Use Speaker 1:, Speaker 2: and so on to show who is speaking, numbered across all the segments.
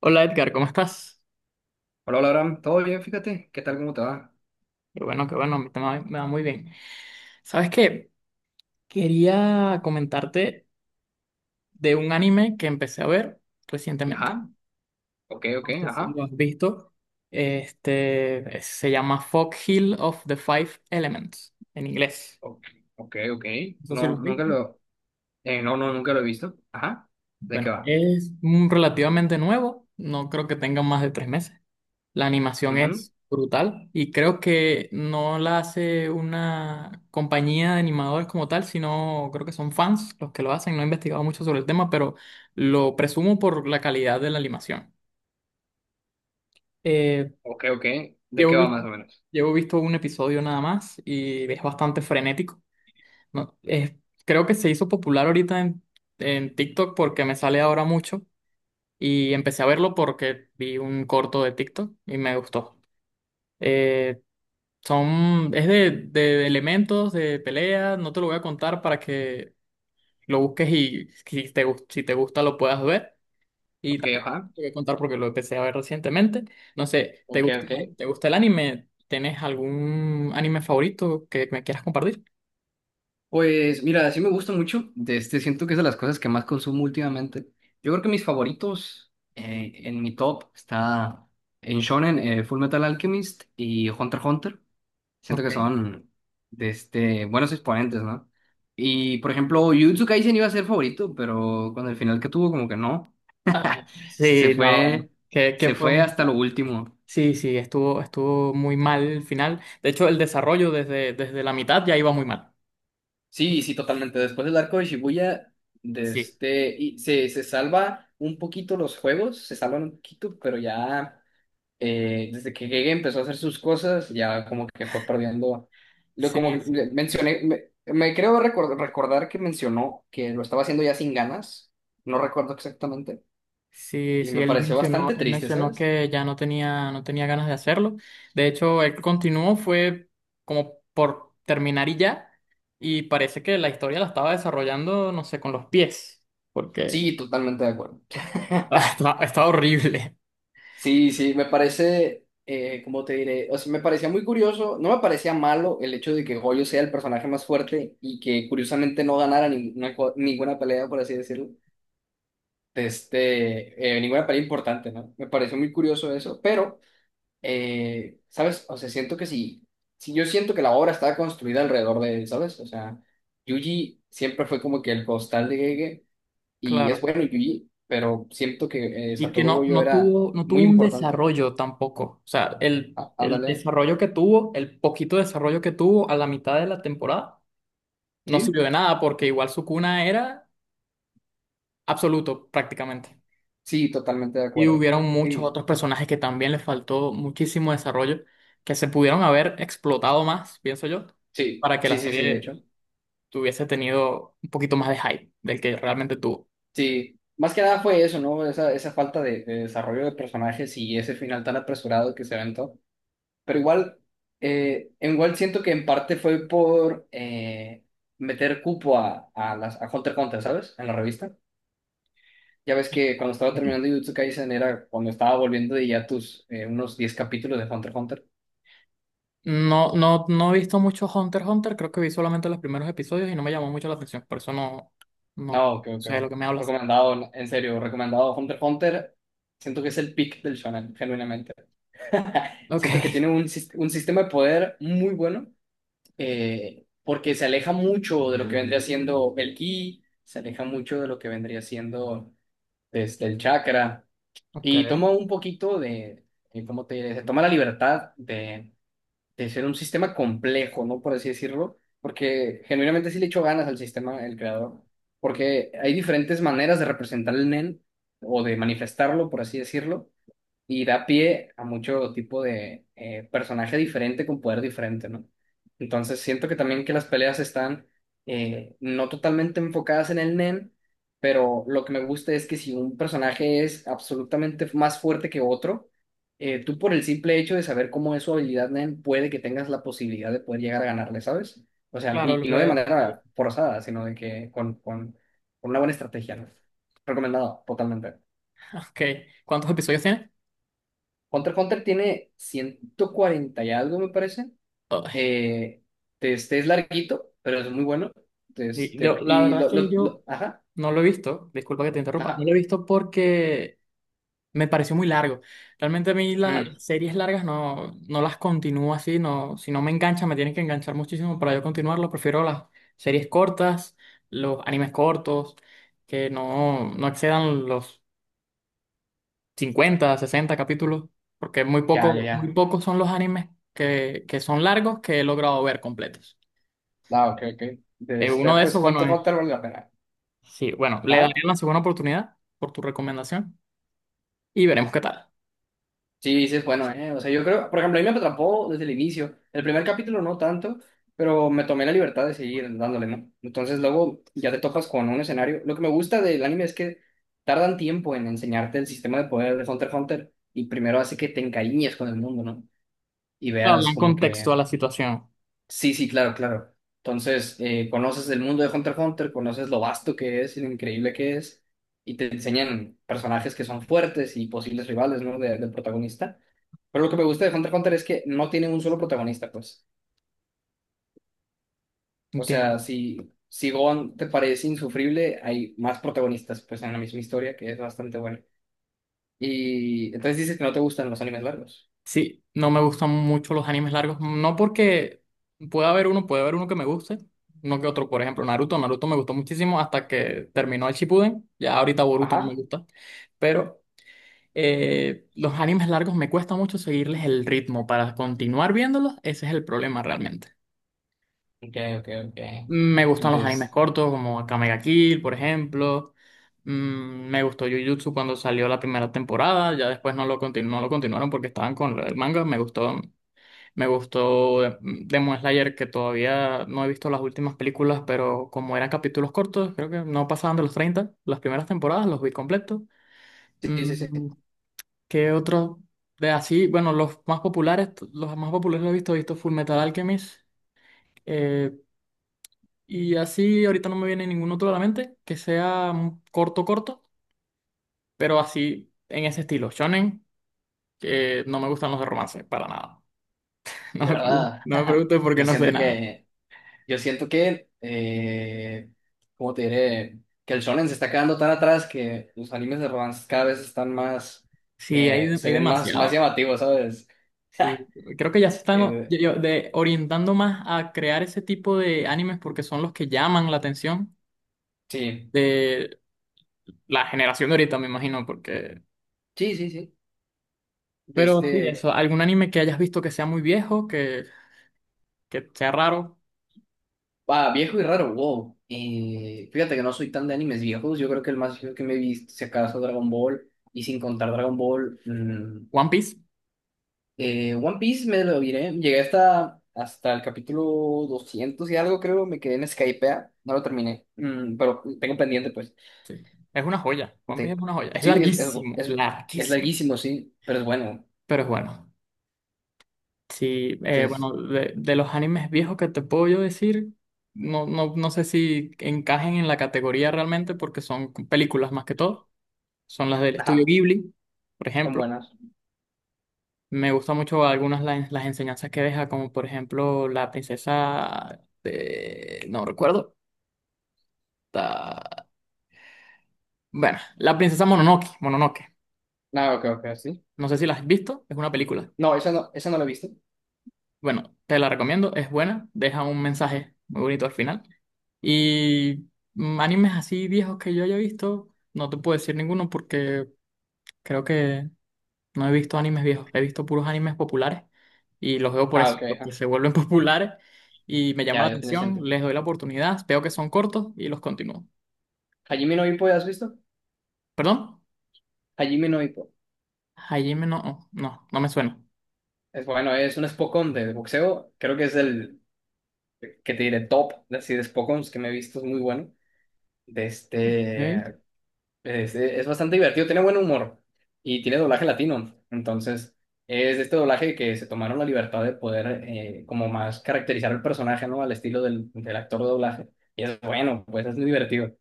Speaker 1: Hola Edgar, ¿cómo estás?
Speaker 2: Hola, hola, Abraham. ¿Todo bien? Fíjate. ¿Qué tal? ¿Cómo te va?
Speaker 1: Qué bueno, a mí también me va muy bien. ¿Sabes qué? Quería comentarte de un anime que empecé a ver recientemente.
Speaker 2: Ajá. Ok, ok,
Speaker 1: No sé si
Speaker 2: ajá.
Speaker 1: lo has visto. Este se llama Fog Hill of the Five Elements en inglés.
Speaker 2: Ok, ok. Ok.
Speaker 1: No sé si lo
Speaker 2: No,
Speaker 1: has
Speaker 2: nunca
Speaker 1: visto.
Speaker 2: lo... no, no, nunca lo he visto. Ajá. ¿De qué
Speaker 1: Bueno,
Speaker 2: va?
Speaker 1: es relativamente nuevo. No creo que tenga más de tres meses. La animación
Speaker 2: Ujú.
Speaker 1: es brutal y creo que no la hace una compañía de animadores como tal, sino creo que son fans los que lo hacen. No he investigado mucho sobre el tema, pero lo presumo por la calidad de la animación. Eh,
Speaker 2: Ok, ok. ¿De qué
Speaker 1: llevo
Speaker 2: va
Speaker 1: visto,
Speaker 2: más o menos?
Speaker 1: llevo visto un episodio nada más y es bastante frenético. No, es- Creo que se hizo popular ahorita en TikTok porque me sale ahora mucho y empecé a verlo porque vi un corto de TikTok y me gustó. Eh, es de elementos, de pelea. No te lo voy a contar para que lo busques, y si si te gusta lo puedas ver. Y
Speaker 2: Ok,
Speaker 1: tampoco
Speaker 2: ajá.
Speaker 1: te voy a contar porque lo empecé a ver recientemente. No sé, ¿te
Speaker 2: Ok, ok.
Speaker 1: te gusta el anime? ¿Tienes algún anime favorito que me quieras compartir?
Speaker 2: Pues mira, sí me gusta mucho. De este, siento que es de las cosas que más consumo últimamente. Yo creo que mis favoritos en mi top está en Shonen, Full Metal Alchemist y Hunter x Hunter. Siento que
Speaker 1: Ok.
Speaker 2: son de este, buenos exponentes, ¿no? Y por ejemplo, Jujutsu Kaisen iba a ser favorito, pero con el final que tuvo, como que no.
Speaker 1: Ah,
Speaker 2: Se
Speaker 1: sí, no, bueno,
Speaker 2: fue,
Speaker 1: ¿qué
Speaker 2: se fue
Speaker 1: podemos
Speaker 2: hasta lo
Speaker 1: buscar?
Speaker 2: último.
Speaker 1: Sí, sí, estuvo muy mal el final. De hecho, el desarrollo desde la mitad ya iba muy mal.
Speaker 2: Sí, sí, totalmente. Después del arco de Shibuya, de
Speaker 1: Sí,
Speaker 2: este, y se salva un poquito los juegos, se salvan un poquito, pero ya. Desde que llegué empezó a hacer sus cosas, ya como que fue perdiendo.
Speaker 1: sí,
Speaker 2: Como que
Speaker 1: sí.
Speaker 2: mencioné, me creo recordar que mencionó que lo estaba haciendo ya sin ganas, no recuerdo exactamente,
Speaker 1: Sí,
Speaker 2: y
Speaker 1: sí,
Speaker 2: me pareció bastante
Speaker 1: él
Speaker 2: triste,
Speaker 1: mencionó
Speaker 2: ¿sabes?
Speaker 1: que ya no tenía ganas de hacerlo. De hecho, él continuó, fue como por terminar y ya. Y parece que la historia la estaba desarrollando, no sé, con los pies, porque
Speaker 2: Sí, totalmente de acuerdo.
Speaker 1: es- está, está horrible,
Speaker 2: Sí, sí, me parece, ¿cómo te diré? O sea, me parecía muy curioso, no me parecía malo el hecho de que Goyo sea el personaje más fuerte y que curiosamente no ganara ninguna pelea, por así decirlo. De este, ninguna pelea importante, ¿no? Me pareció muy curioso eso, pero, ¿sabes? O sea, siento que sí, sí, yo siento que la obra estaba construida alrededor de él, ¿sabes? O sea, Yuji siempre fue como que el costal de Gege, y es
Speaker 1: claro.
Speaker 2: bueno Yuji, pero siento que
Speaker 1: Y que
Speaker 2: Satoru Gojo
Speaker 1: no
Speaker 2: era
Speaker 1: tuvo, no tuvo
Speaker 2: muy
Speaker 1: un
Speaker 2: importante.
Speaker 1: desarrollo tampoco. O sea,
Speaker 2: Ah,
Speaker 1: el
Speaker 2: ándale,
Speaker 1: desarrollo que tuvo, el poquito desarrollo que tuvo a la mitad de la temporada, no
Speaker 2: ¿sí?
Speaker 1: sirvió de nada, porque igual su cuna era absoluto prácticamente.
Speaker 2: Sí, totalmente de
Speaker 1: Y
Speaker 2: acuerdo.
Speaker 1: hubieron muchos
Speaker 2: Sí,
Speaker 1: otros personajes que también les faltó muchísimo desarrollo, que se pudieron haber explotado más, pienso yo,
Speaker 2: sí,
Speaker 1: para que la
Speaker 2: sí, sí, sí, de hecho.
Speaker 1: serie tuviese tenido un poquito más de hype del que realmente tuvo.
Speaker 2: Sí. Más que nada fue eso, ¿no? Esa falta de desarrollo de personajes y ese final tan apresurado que se aventó. Pero igual, igual siento que en parte fue por meter cupo a Hunter x Hunter, ¿sabes? En la revista. Ya ves que cuando estaba
Speaker 1: Ujú.
Speaker 2: terminando Jujutsu Kaisen era cuando estaba volviendo de ya unos 10 capítulos de Hunter x Hunter.
Speaker 1: No, no, no he visto mucho Hunter x Hunter. Creo que vi solamente los primeros episodios y no me llamó mucho la atención, por eso no
Speaker 2: No, creo
Speaker 1: sé de
Speaker 2: que
Speaker 1: lo que me hablas.
Speaker 2: recomendado, en serio, recomendado Hunter x Hunter. Siento que es el pick del shonen, genuinamente.
Speaker 1: Ok,
Speaker 2: Siento que tiene un sistema de poder muy bueno porque se aleja mucho de lo que vendría siendo el ki, se aleja mucho de lo que vendría siendo desde el chakra
Speaker 1: ok.
Speaker 2: y toma un poquito de, ¿cómo te diré? Se toma la libertad de ser un sistema complejo, ¿no? Por así decirlo, porque genuinamente sí le echó ganas al sistema, el creador, porque hay diferentes maneras de representar el Nen o de manifestarlo, por así decirlo, y da pie a mucho tipo de personaje diferente con poder diferente, ¿no? Entonces siento que también que las peleas están no totalmente enfocadas en el Nen, pero lo que me gusta es que si un personaje es absolutamente más fuerte que otro, tú por el simple hecho de saber cómo es su habilidad Nen, puede que tengas la posibilidad de poder llegar a ganarle, ¿sabes? O sea,
Speaker 1: Claro,
Speaker 2: y, y no de manera forzada, sino de que con, con una buena estrategia, ¿no? Recomendado, totalmente.
Speaker 1: ok. ¿Cuántos episodios tiene?
Speaker 2: Hunter x Hunter tiene 140 y algo, me parece.
Speaker 1: Ay,
Speaker 2: Eh, este es larguito, pero es muy bueno.
Speaker 1: la verdad es que yo
Speaker 2: Ajá,
Speaker 1: no lo he visto, disculpa que te interrumpa. No lo he
Speaker 2: ajá.
Speaker 1: visto porque me pareció muy largo. Realmente a mí la- Sí.
Speaker 2: Mm,
Speaker 1: Las series largas no, no las continúo así. No, si no me engancha, me tienen que enganchar muchísimo para yo continuarlo. Prefiero las series cortas, los animes cortos, que no, no excedan los 50 60 capítulos, porque muy
Speaker 2: ya, ya,
Speaker 1: poco, muy
Speaker 2: ya.
Speaker 1: pocos son los animes que son largos que he logrado ver completos.
Speaker 2: Ah, ok, ok. Este,
Speaker 1: Uno
Speaker 2: ah,
Speaker 1: de esos,
Speaker 2: pues
Speaker 1: bueno,
Speaker 2: Hunter x Hunter vale la pena.
Speaker 1: sí, bueno, le daré
Speaker 2: Ajá.
Speaker 1: una segunda oportunidad por tu recomendación y veremos qué tal.
Speaker 2: Sí, sí es bueno, ¿eh? O sea, yo creo, por ejemplo, a mí me atrapó desde el inicio. El primer capítulo no tanto, pero me tomé la libertad de seguir dándole, ¿no? Entonces luego ya te topas con un escenario. Lo que me gusta del anime es que tardan tiempo en enseñarte el sistema de poder de Hunter x Hunter y primero hace que te encariñes con el mundo, ¿no? Y
Speaker 1: Para
Speaker 2: veas
Speaker 1: hablar en
Speaker 2: como
Speaker 1: contexto a
Speaker 2: que
Speaker 1: la situación.
Speaker 2: Sí, sí, claro, claro. Entonces, conoces el mundo de Hunter x Hunter, conoces lo vasto que es y lo increíble que es, y te enseñan personajes que son fuertes y posibles rivales, ¿no? Del protagonista. Pero lo que me gusta de Hunter x Hunter es que no tiene un solo protagonista, pues. O
Speaker 1: Entiendo.
Speaker 2: sea, si Gohan te parece insufrible, hay más protagonistas, pues, en la misma historia, que es bastante bueno. Y entonces dices que no te gustan los animes largos.
Speaker 1: Sí, no me gustan mucho los animes largos. No porque puede haber uno que me guste, no que otro. Por ejemplo, Naruto. Naruto me gustó muchísimo hasta que terminó el Shippuden. Ya ahorita Boruto no me
Speaker 2: Ajá.
Speaker 1: gusta. Pero los animes largos me cuesta mucho seguirles el ritmo para continuar viéndolos. Ese es el problema realmente.
Speaker 2: Ok, ok, ok.
Speaker 1: Me gustan los animes
Speaker 2: Entonces,
Speaker 1: cortos, como Akame ga Kill, por ejemplo. Me gustó Jujutsu cuando salió la primera temporada. Ya después no lo continuaron porque estaban con el manga. Me gustó Demon Slayer, que todavía no he visto las últimas películas, pero como eran capítulos cortos, creo que no pasaban de los treinta. Las primeras temporadas los vi completos.
Speaker 2: sí, sí, sí.
Speaker 1: Mm, ¿Qué otro de así? Bueno, los más populares, los más populares los he visto Full Metal Alchemist. eh, y así ahorita no me viene ningún otro a la mente que sea un corto, corto, pero así en ese estilo. Shonen, que no me gustan los de romance, para nada.
Speaker 2: De verdad.
Speaker 1: No me preguntes porque
Speaker 2: Yo
Speaker 1: no sé
Speaker 2: siento
Speaker 1: nada.
Speaker 2: que Yo siento que, ¿cómo te diré? Que el shonen se está quedando tan atrás que los animes de romance cada vez están más,
Speaker 1: Sí,
Speaker 2: se
Speaker 1: hay
Speaker 2: ven más, más
Speaker 1: demasiado.
Speaker 2: llamativos, ¿sabes?
Speaker 1: Sí, creo que ya se están
Speaker 2: Eh,
Speaker 1: orientando más a crear ese tipo de animes porque son los que llaman la atención
Speaker 2: sí,
Speaker 1: de la generación de ahorita, me imagino, porque...
Speaker 2: sí, sí, sí. De
Speaker 1: Pero sí,
Speaker 2: este,
Speaker 1: eso, algún anime que hayas visto que sea muy viejo, que sea raro.
Speaker 2: ah, viejo y raro, wow. Fíjate que no soy tan de animes viejos. Yo creo que el más viejo que me he visto, si acaso, Dragon Ball. Y sin contar Dragon Ball,
Speaker 1: One Piece,
Speaker 2: One Piece me lo diré. Llegué hasta el capítulo 200 y algo, creo. Me quedé en Skypea. No lo terminé. Pero tengo pendiente, pues.
Speaker 1: sí, es una joya. One Piece
Speaker 2: De-
Speaker 1: es una joya. Es
Speaker 2: sí,
Speaker 1: larguísimo,
Speaker 2: es, es
Speaker 1: larguísimo,
Speaker 2: larguísimo, sí. Pero es bueno.
Speaker 1: pero es bueno. Sí,
Speaker 2: Entonces,
Speaker 1: bueno, de los animes viejos que te puedo yo decir, no, no, no sé si encajen en la categoría realmente porque son películas más que todo. Son las del estudio
Speaker 2: ajá,
Speaker 1: Ghibli, por
Speaker 2: son
Speaker 1: ejemplo.
Speaker 2: buenas.
Speaker 1: Me gusta mucho algunas las enseñanzas que deja, como por ejemplo la princesa de... no recuerdo. ta- Bueno, la princesa Mononoke, Mononoke.
Speaker 2: Ah, ok, ok, sí.
Speaker 1: No sé si la has visto, es una película.
Speaker 2: No, esa no la he visto.
Speaker 1: Bueno, te la recomiendo, es buena, deja un mensaje muy bonito al final. Y animes así viejos que yo haya visto, no te puedo decir ninguno porque creo que no he visto animes viejos. He visto puros animes populares y los veo por
Speaker 2: Ah,
Speaker 1: eso,
Speaker 2: ok,
Speaker 1: porque
Speaker 2: ajá.
Speaker 1: se vuelven populares y me llama
Speaker 2: Ya,
Speaker 1: la
Speaker 2: ya tiene
Speaker 1: atención,
Speaker 2: sentido.
Speaker 1: les doy la oportunidad, veo que son cortos y los continúo.
Speaker 2: Hajime no Ippo, ¿ya has visto?
Speaker 1: ¿Perdón?
Speaker 2: Hajime no Ippo.
Speaker 1: Hajime no, no, no me suena.
Speaker 2: Es bueno, es un Spokon de boxeo. Creo que es el que te diré top, así de Spokons que me he visto. Es muy bueno. De
Speaker 1: Ok.
Speaker 2: este. Es bastante divertido, tiene buen humor y tiene doblaje latino. Entonces, es este doblaje que se tomaron la libertad de poder como más caracterizar el personaje, ¿no? Al estilo del actor de doblaje. Y es bueno, pues es muy divertido.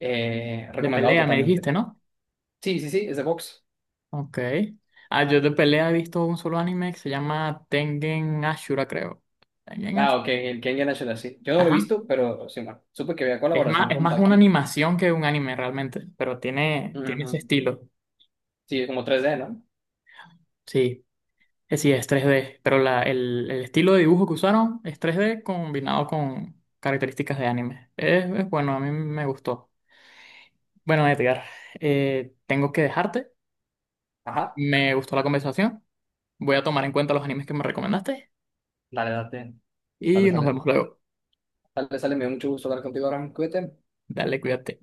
Speaker 1: De
Speaker 2: Recomendado
Speaker 1: pelea me
Speaker 2: totalmente.
Speaker 1: dijiste, ¿no?
Speaker 2: Sí, sí, sí, es de Vox.
Speaker 1: Ok. Ah, yo de pelea he visto un solo anime que se llama Tengen Ashura, creo. Tengen
Speaker 2: Ah,
Speaker 1: Ashura.
Speaker 2: ok, el Ken Yanashiro, sí. Yo no lo he
Speaker 1: Ajá.
Speaker 2: visto, pero sí, no. Supe que había colaboración
Speaker 1: Es
Speaker 2: con
Speaker 1: más una
Speaker 2: Baki.
Speaker 1: animación que un anime realmente, pero tiene, tiene ese
Speaker 2: Ujú.
Speaker 1: estilo.
Speaker 2: Sí, como 3D, ¿no?
Speaker 1: Sí. Sí, es 3D, pero el estilo de dibujo que usaron es 3D combinado con características de anime. Es bueno, a mí me gustó. Bueno, Edgar, tengo que dejarte.
Speaker 2: Ajá,
Speaker 1: Me gustó la conversación. Voy a tomar en cuenta los animes que me recomendaste
Speaker 2: dale, date. Sale,
Speaker 1: y nos
Speaker 2: sale.
Speaker 1: vemos luego.
Speaker 2: Sale, sale, me dio mucho gusto hablar contigo ahora. Cuídate.
Speaker 1: Dale, cuídate.